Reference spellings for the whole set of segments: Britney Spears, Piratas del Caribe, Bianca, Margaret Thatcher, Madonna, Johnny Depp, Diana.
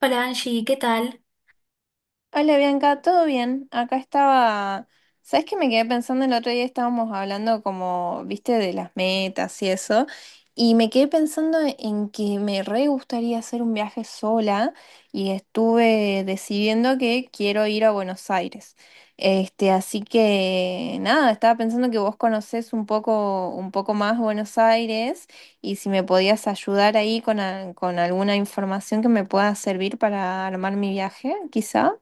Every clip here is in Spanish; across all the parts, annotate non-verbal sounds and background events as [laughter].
Hola Angie, ¿qué tal? Hola Bianca, ¿todo bien? Acá estaba, ¿sabes qué me quedé pensando el otro día? Estábamos hablando como, viste, de las metas y eso, y me quedé pensando en que me re gustaría hacer un viaje sola y estuve decidiendo que quiero ir a Buenos Aires. Este, así que nada, estaba pensando que vos conocés un poco más Buenos Aires y si me podías ayudar ahí con alguna información que me pueda servir para armar mi viaje, quizá.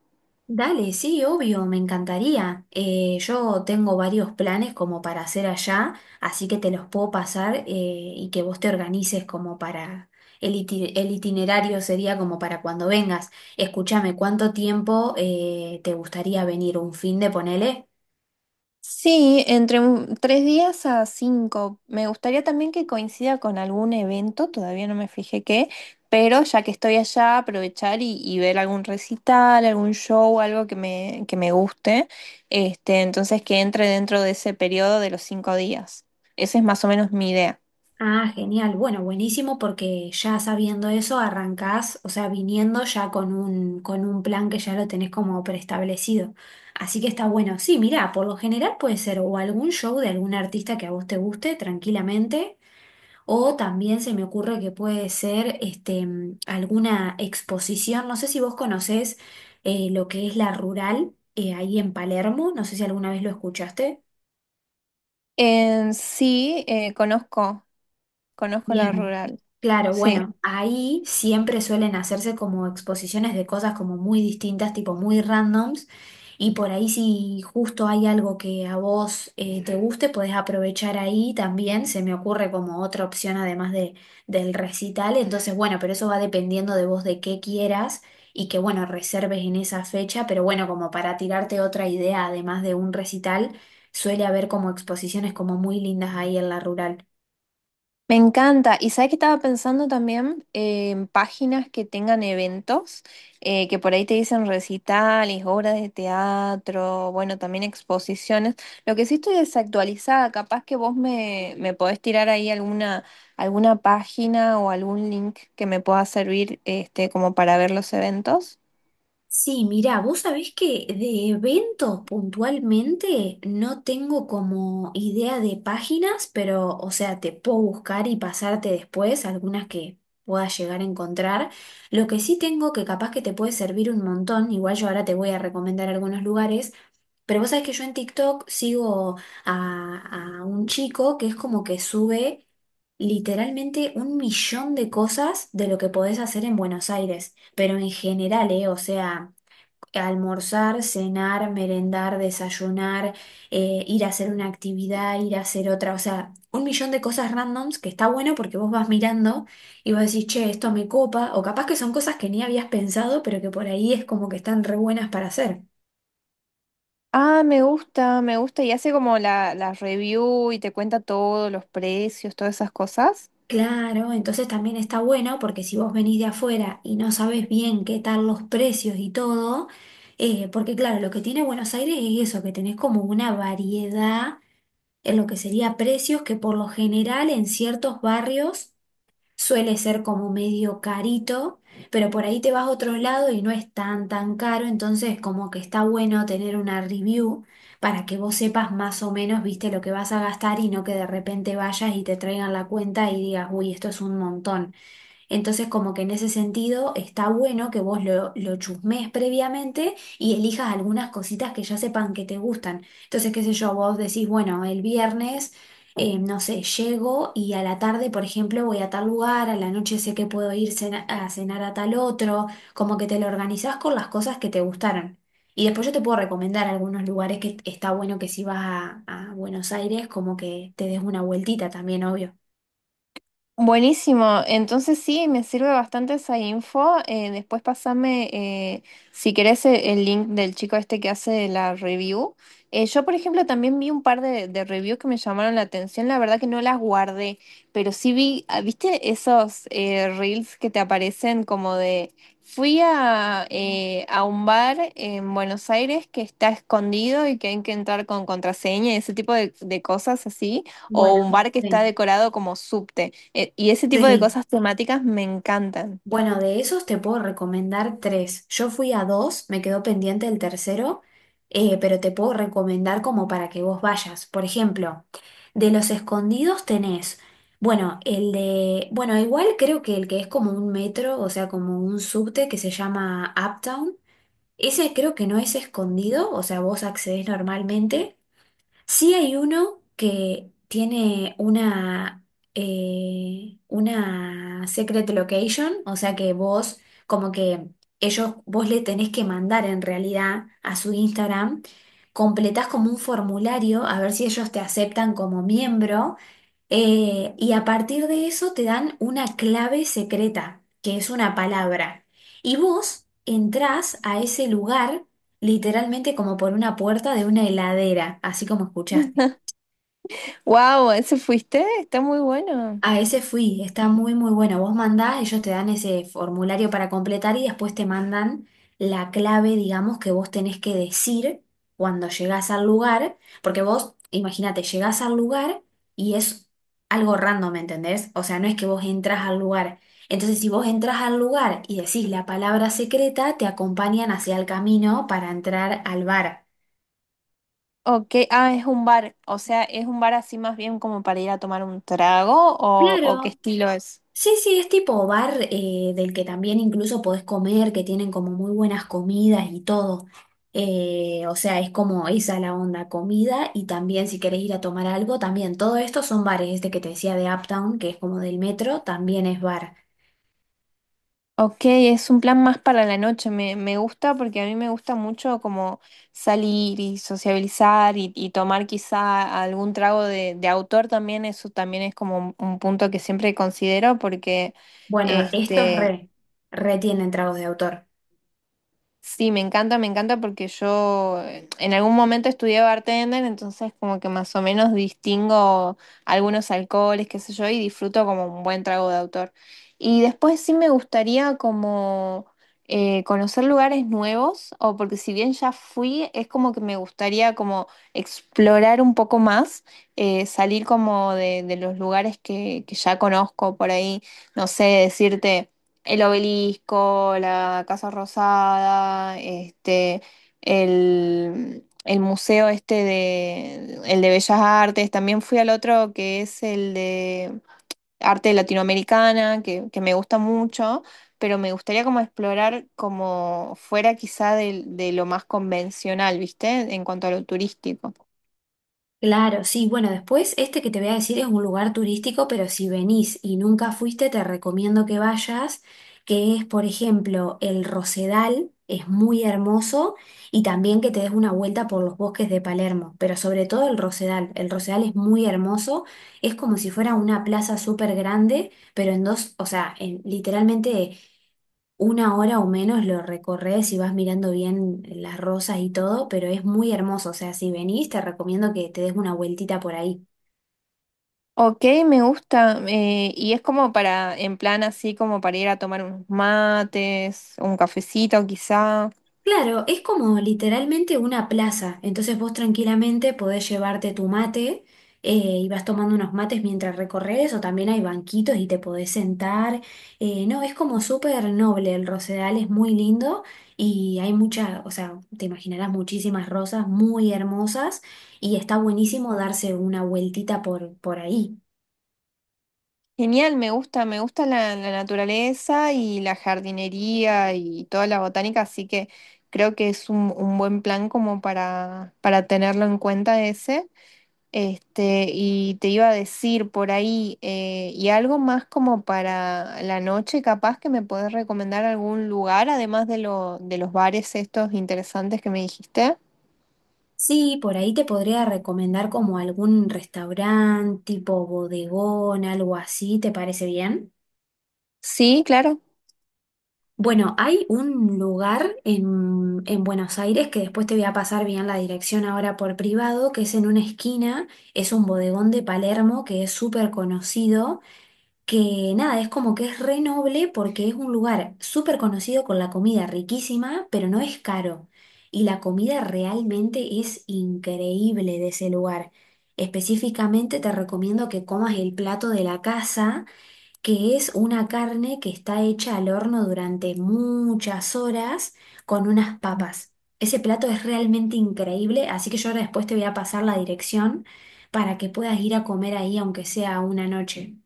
Dale, sí, obvio, me encantaría. Yo tengo varios planes como para hacer allá, así que te los puedo pasar y que vos te organices como para... El itinerario sería como para cuando vengas. Escúchame, ¿cuánto tiempo te gustaría venir? ¿Un fin de ponele? Sí, tres días a cinco. Me gustaría también que coincida con algún evento, todavía no me fijé qué, pero ya que estoy allá, aprovechar y ver algún recital, algún show, algo que me guste. Este, entonces que entre dentro de ese periodo de los cinco días. Esa es más o menos mi idea. Ah, genial. Bueno, buenísimo porque ya sabiendo eso arrancás, o sea, viniendo ya con un plan que ya lo tenés como preestablecido. Así que está bueno. Sí, mirá, por lo general puede ser o algún show de algún artista que a vos te guste tranquilamente, o también se me ocurre que puede ser este, alguna exposición. No sé si vos conocés lo que es la Rural ahí en Palermo, no sé si alguna vez lo escuchaste. En sí, conozco la Bien. rural. Claro, Sí. bueno, ahí siempre suelen hacerse como exposiciones de cosas como muy distintas, tipo muy randoms, y por ahí si justo hay algo que a vos te guste, podés aprovechar ahí también, se me ocurre como otra opción además de, del recital, entonces bueno, pero eso va dependiendo de vos de qué quieras y que bueno, reserves en esa fecha, pero bueno, como para tirarte otra idea además de un recital, suele haber como exposiciones como muy lindas ahí en la rural. Me encanta. Y sabes que estaba pensando también en páginas que tengan eventos, que por ahí te dicen recitales, obras de teatro, bueno, también exposiciones. Lo que sí estoy desactualizada, capaz que vos me podés tirar ahí alguna página o algún link que me pueda servir este, como para ver los eventos. Sí, mira, vos sabés que de eventos puntualmente no tengo como idea de páginas, pero o sea, te puedo buscar y pasarte después algunas que puedas llegar a encontrar. Lo que sí tengo que capaz que te puede servir un montón, igual yo ahora te voy a recomendar algunos lugares, pero vos sabés que yo en TikTok sigo a un chico que es como que sube literalmente un millón de cosas de lo que podés hacer en Buenos Aires, pero en general, ¿eh? O sea almorzar, cenar, merendar, desayunar, ir a hacer una actividad, ir a hacer otra, o sea, un millón de cosas randoms que está bueno porque vos vas mirando y vos decís, che, esto me copa, o capaz que son cosas que ni habías pensado, pero que por ahí es como que están re buenas para hacer. Ah, me gusta, me gusta. Y hace como la review y te cuenta todos los precios, todas esas cosas. Claro, entonces también está bueno porque si vos venís de afuera y no sabés bien qué tal los precios y todo, porque claro, lo que tiene Buenos Aires es eso, que tenés como una variedad en lo que sería precios, que por lo general en ciertos barrios suele ser como medio carito, pero por ahí te vas a otro lado y no es tan tan caro, entonces como que está bueno tener una review para que vos sepas más o menos, viste, lo que vas a gastar y no que de repente vayas y te traigan la cuenta y digas, uy, esto es un montón. Entonces, como que en ese sentido está bueno que vos lo chusmees previamente y elijas algunas cositas que ya sepan que te gustan. Entonces, qué sé yo, vos decís, bueno, el viernes, no sé, llego y a la tarde, por ejemplo, voy a tal lugar, a la noche sé que puedo ir a cenar a tal otro, como que te lo organizás con las cosas que te gustaron. Y después yo te puedo recomendar algunos lugares que está bueno que si vas a Buenos Aires, como que te des una vueltita también, obvio. Buenísimo, entonces sí, me sirve bastante esa info. Después pasame, si querés, el link del chico este que hace la review. Yo, por ejemplo, también vi un par de reviews que me llamaron la atención. La verdad que no las guardé, pero sí vi, ah, ¿viste esos reels que te aparecen como de... Fui a un bar en Buenos Aires que está escondido y que hay que entrar con contraseña y ese tipo de cosas así, Bueno, o un bar que está sí. decorado como subte. Y ese [laughs] tipo de Sí. cosas temáticas me encantan. Bueno, de esos te puedo recomendar tres. Yo fui a dos, me quedó pendiente el tercero, pero te puedo recomendar como para que vos vayas. Por ejemplo, de los escondidos tenés, bueno, el de, bueno, igual creo que el que es como un metro, o sea, como un subte que se llama Uptown. Ese creo que no es escondido, o sea, vos accedés normalmente. Sí, hay uno que tiene una secret location, o sea que vos, como que ellos, vos le tenés que mandar en realidad a su Instagram, completás como un formulario a ver si ellos te aceptan como miembro y a partir de eso te dan una clave secreta, que es una palabra. Y vos entrás a ese lugar literalmente como por una puerta de una heladera, así como escuchaste. [laughs] Wow, ¿ese fuiste? Está muy bueno. A ese fui, está muy muy bueno. Vos mandás, ellos te dan ese formulario para completar y después te mandan la clave, digamos, que vos tenés que decir cuando llegás al lugar, porque vos, imagínate, llegás al lugar y es algo random, ¿me entendés? O sea, no es que vos entras al lugar. Entonces, si vos entras al lugar y decís la palabra secreta, te acompañan hacia el camino para entrar al bar. Ok, ah, es un bar, o sea, es un bar así más bien como para ir a tomar un trago o qué Claro, estilo es. sí, sí, es tipo bar del que también incluso podés comer, que tienen como muy buenas comidas y todo. O sea, es como esa la onda, comida y también si querés ir a tomar algo, también todo esto son bares, este que te decía de Uptown, que es como del metro, también es bar. Ok, es un plan más para la noche, me gusta porque a mí me gusta mucho como salir y sociabilizar y tomar quizá algún trago de autor también, eso también es como un punto que siempre considero porque Bueno, estos este, re, re tienen tragos de autor. Sí, me encanta porque yo en algún momento estudié bartender, entonces como que más o menos distingo algunos alcoholes, qué sé yo, y disfruto como un buen trago de autor. Y después sí me gustaría como conocer lugares nuevos, o porque si bien ya fui, es como que me gustaría como explorar un poco más, salir como de los lugares que ya conozco por ahí, no sé, decirte... El obelisco, la Casa Rosada, este, el museo el de Bellas Artes. También fui al otro que es el de arte latinoamericana, que me gusta mucho, pero me gustaría como explorar como fuera quizá de lo más convencional, ¿viste? En cuanto a lo turístico. Claro, sí, bueno, después este que te voy a decir es un lugar turístico, pero si venís y nunca fuiste, te recomiendo que vayas, que es, por ejemplo, el Rosedal, es muy hermoso, y también que te des una vuelta por los bosques de Palermo, pero sobre todo el Rosedal. El Rosedal es muy hermoso, es como si fuera una plaza súper grande, pero en dos, o sea, literalmente una hora o menos lo recorres y vas mirando bien las rosas y todo, pero es muy hermoso. O sea, si venís, te recomiendo que te des una vueltita por ahí. Ok, me gusta. Y es como para, en plan así, como para ir a tomar unos mates, un cafecito quizá. Claro, es como literalmente una plaza. Entonces vos tranquilamente podés llevarte tu mate y vas tomando unos mates mientras recorres, o también hay banquitos y te podés sentar. No, es como súper noble. El Rosedal es muy lindo y hay mucha, o sea, te imaginarás muchísimas rosas muy hermosas y está buenísimo darse una vueltita por ahí. Genial, me gusta la naturaleza y la jardinería y toda la botánica, así que creo que es un buen plan como para tenerlo en cuenta ese. Este, y te iba a decir por ahí, y algo más como para la noche, capaz que me puedes recomendar algún lugar, además de lo, de los bares estos interesantes que me dijiste. Sí, por ahí te podría recomendar como algún restaurante tipo bodegón, algo así, ¿te parece bien? Sí, claro. Bueno, hay un lugar en Buenos Aires que después te voy a pasar bien la dirección ahora por privado, que es en una esquina, es un bodegón de Palermo que es súper conocido, que nada, es como que es re noble porque es un lugar súper conocido con la comida riquísima, pero no es caro. Y la comida realmente es increíble de ese lugar. Específicamente te recomiendo que comas el plato de la casa que es una carne que está hecha al horno durante muchas horas con unas papas. Ese plato es realmente increíble, así que yo ahora después te voy a pasar la dirección para que puedas ir a comer ahí, aunque sea una noche.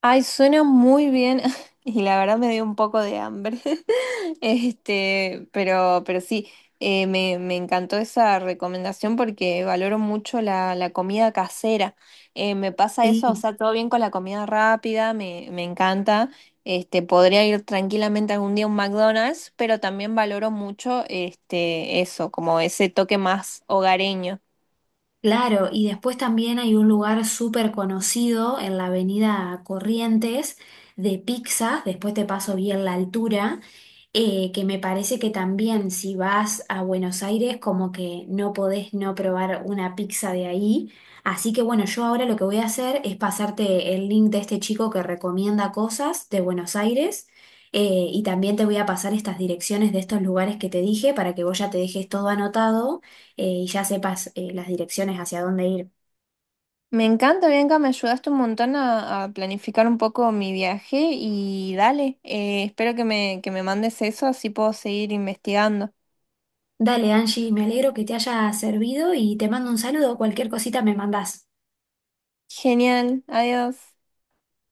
Ay, suena muy bien [laughs] y la verdad me dio un poco de hambre. [laughs] Este, pero sí, me encantó esa recomendación porque valoro mucho la comida casera. Me pasa eso, o Sí, sea, todo bien con la comida rápida, me encanta. Este, podría ir tranquilamente algún día a un McDonald's, pero también valoro mucho este, eso, como ese toque más hogareño. claro, y después también hay un lugar súper conocido en la avenida Corrientes de pizzas, después te paso bien la altura. Que me parece que también si vas a Buenos Aires como que no podés no probar una pizza de ahí. Así que bueno, yo ahora lo que voy a hacer es pasarte el link de este chico que recomienda cosas de Buenos Aires y también te voy a pasar estas direcciones de estos lugares que te dije para que vos ya te dejes todo anotado y ya sepas las direcciones hacia dónde ir. Me encanta, Bianca, me ayudaste un montón a planificar un poco mi viaje y dale, espero que me mandes eso, así puedo seguir investigando. Dale, Angie, me alegro que te haya servido y te mando un saludo. Cualquier cosita me mandás. Genial, adiós.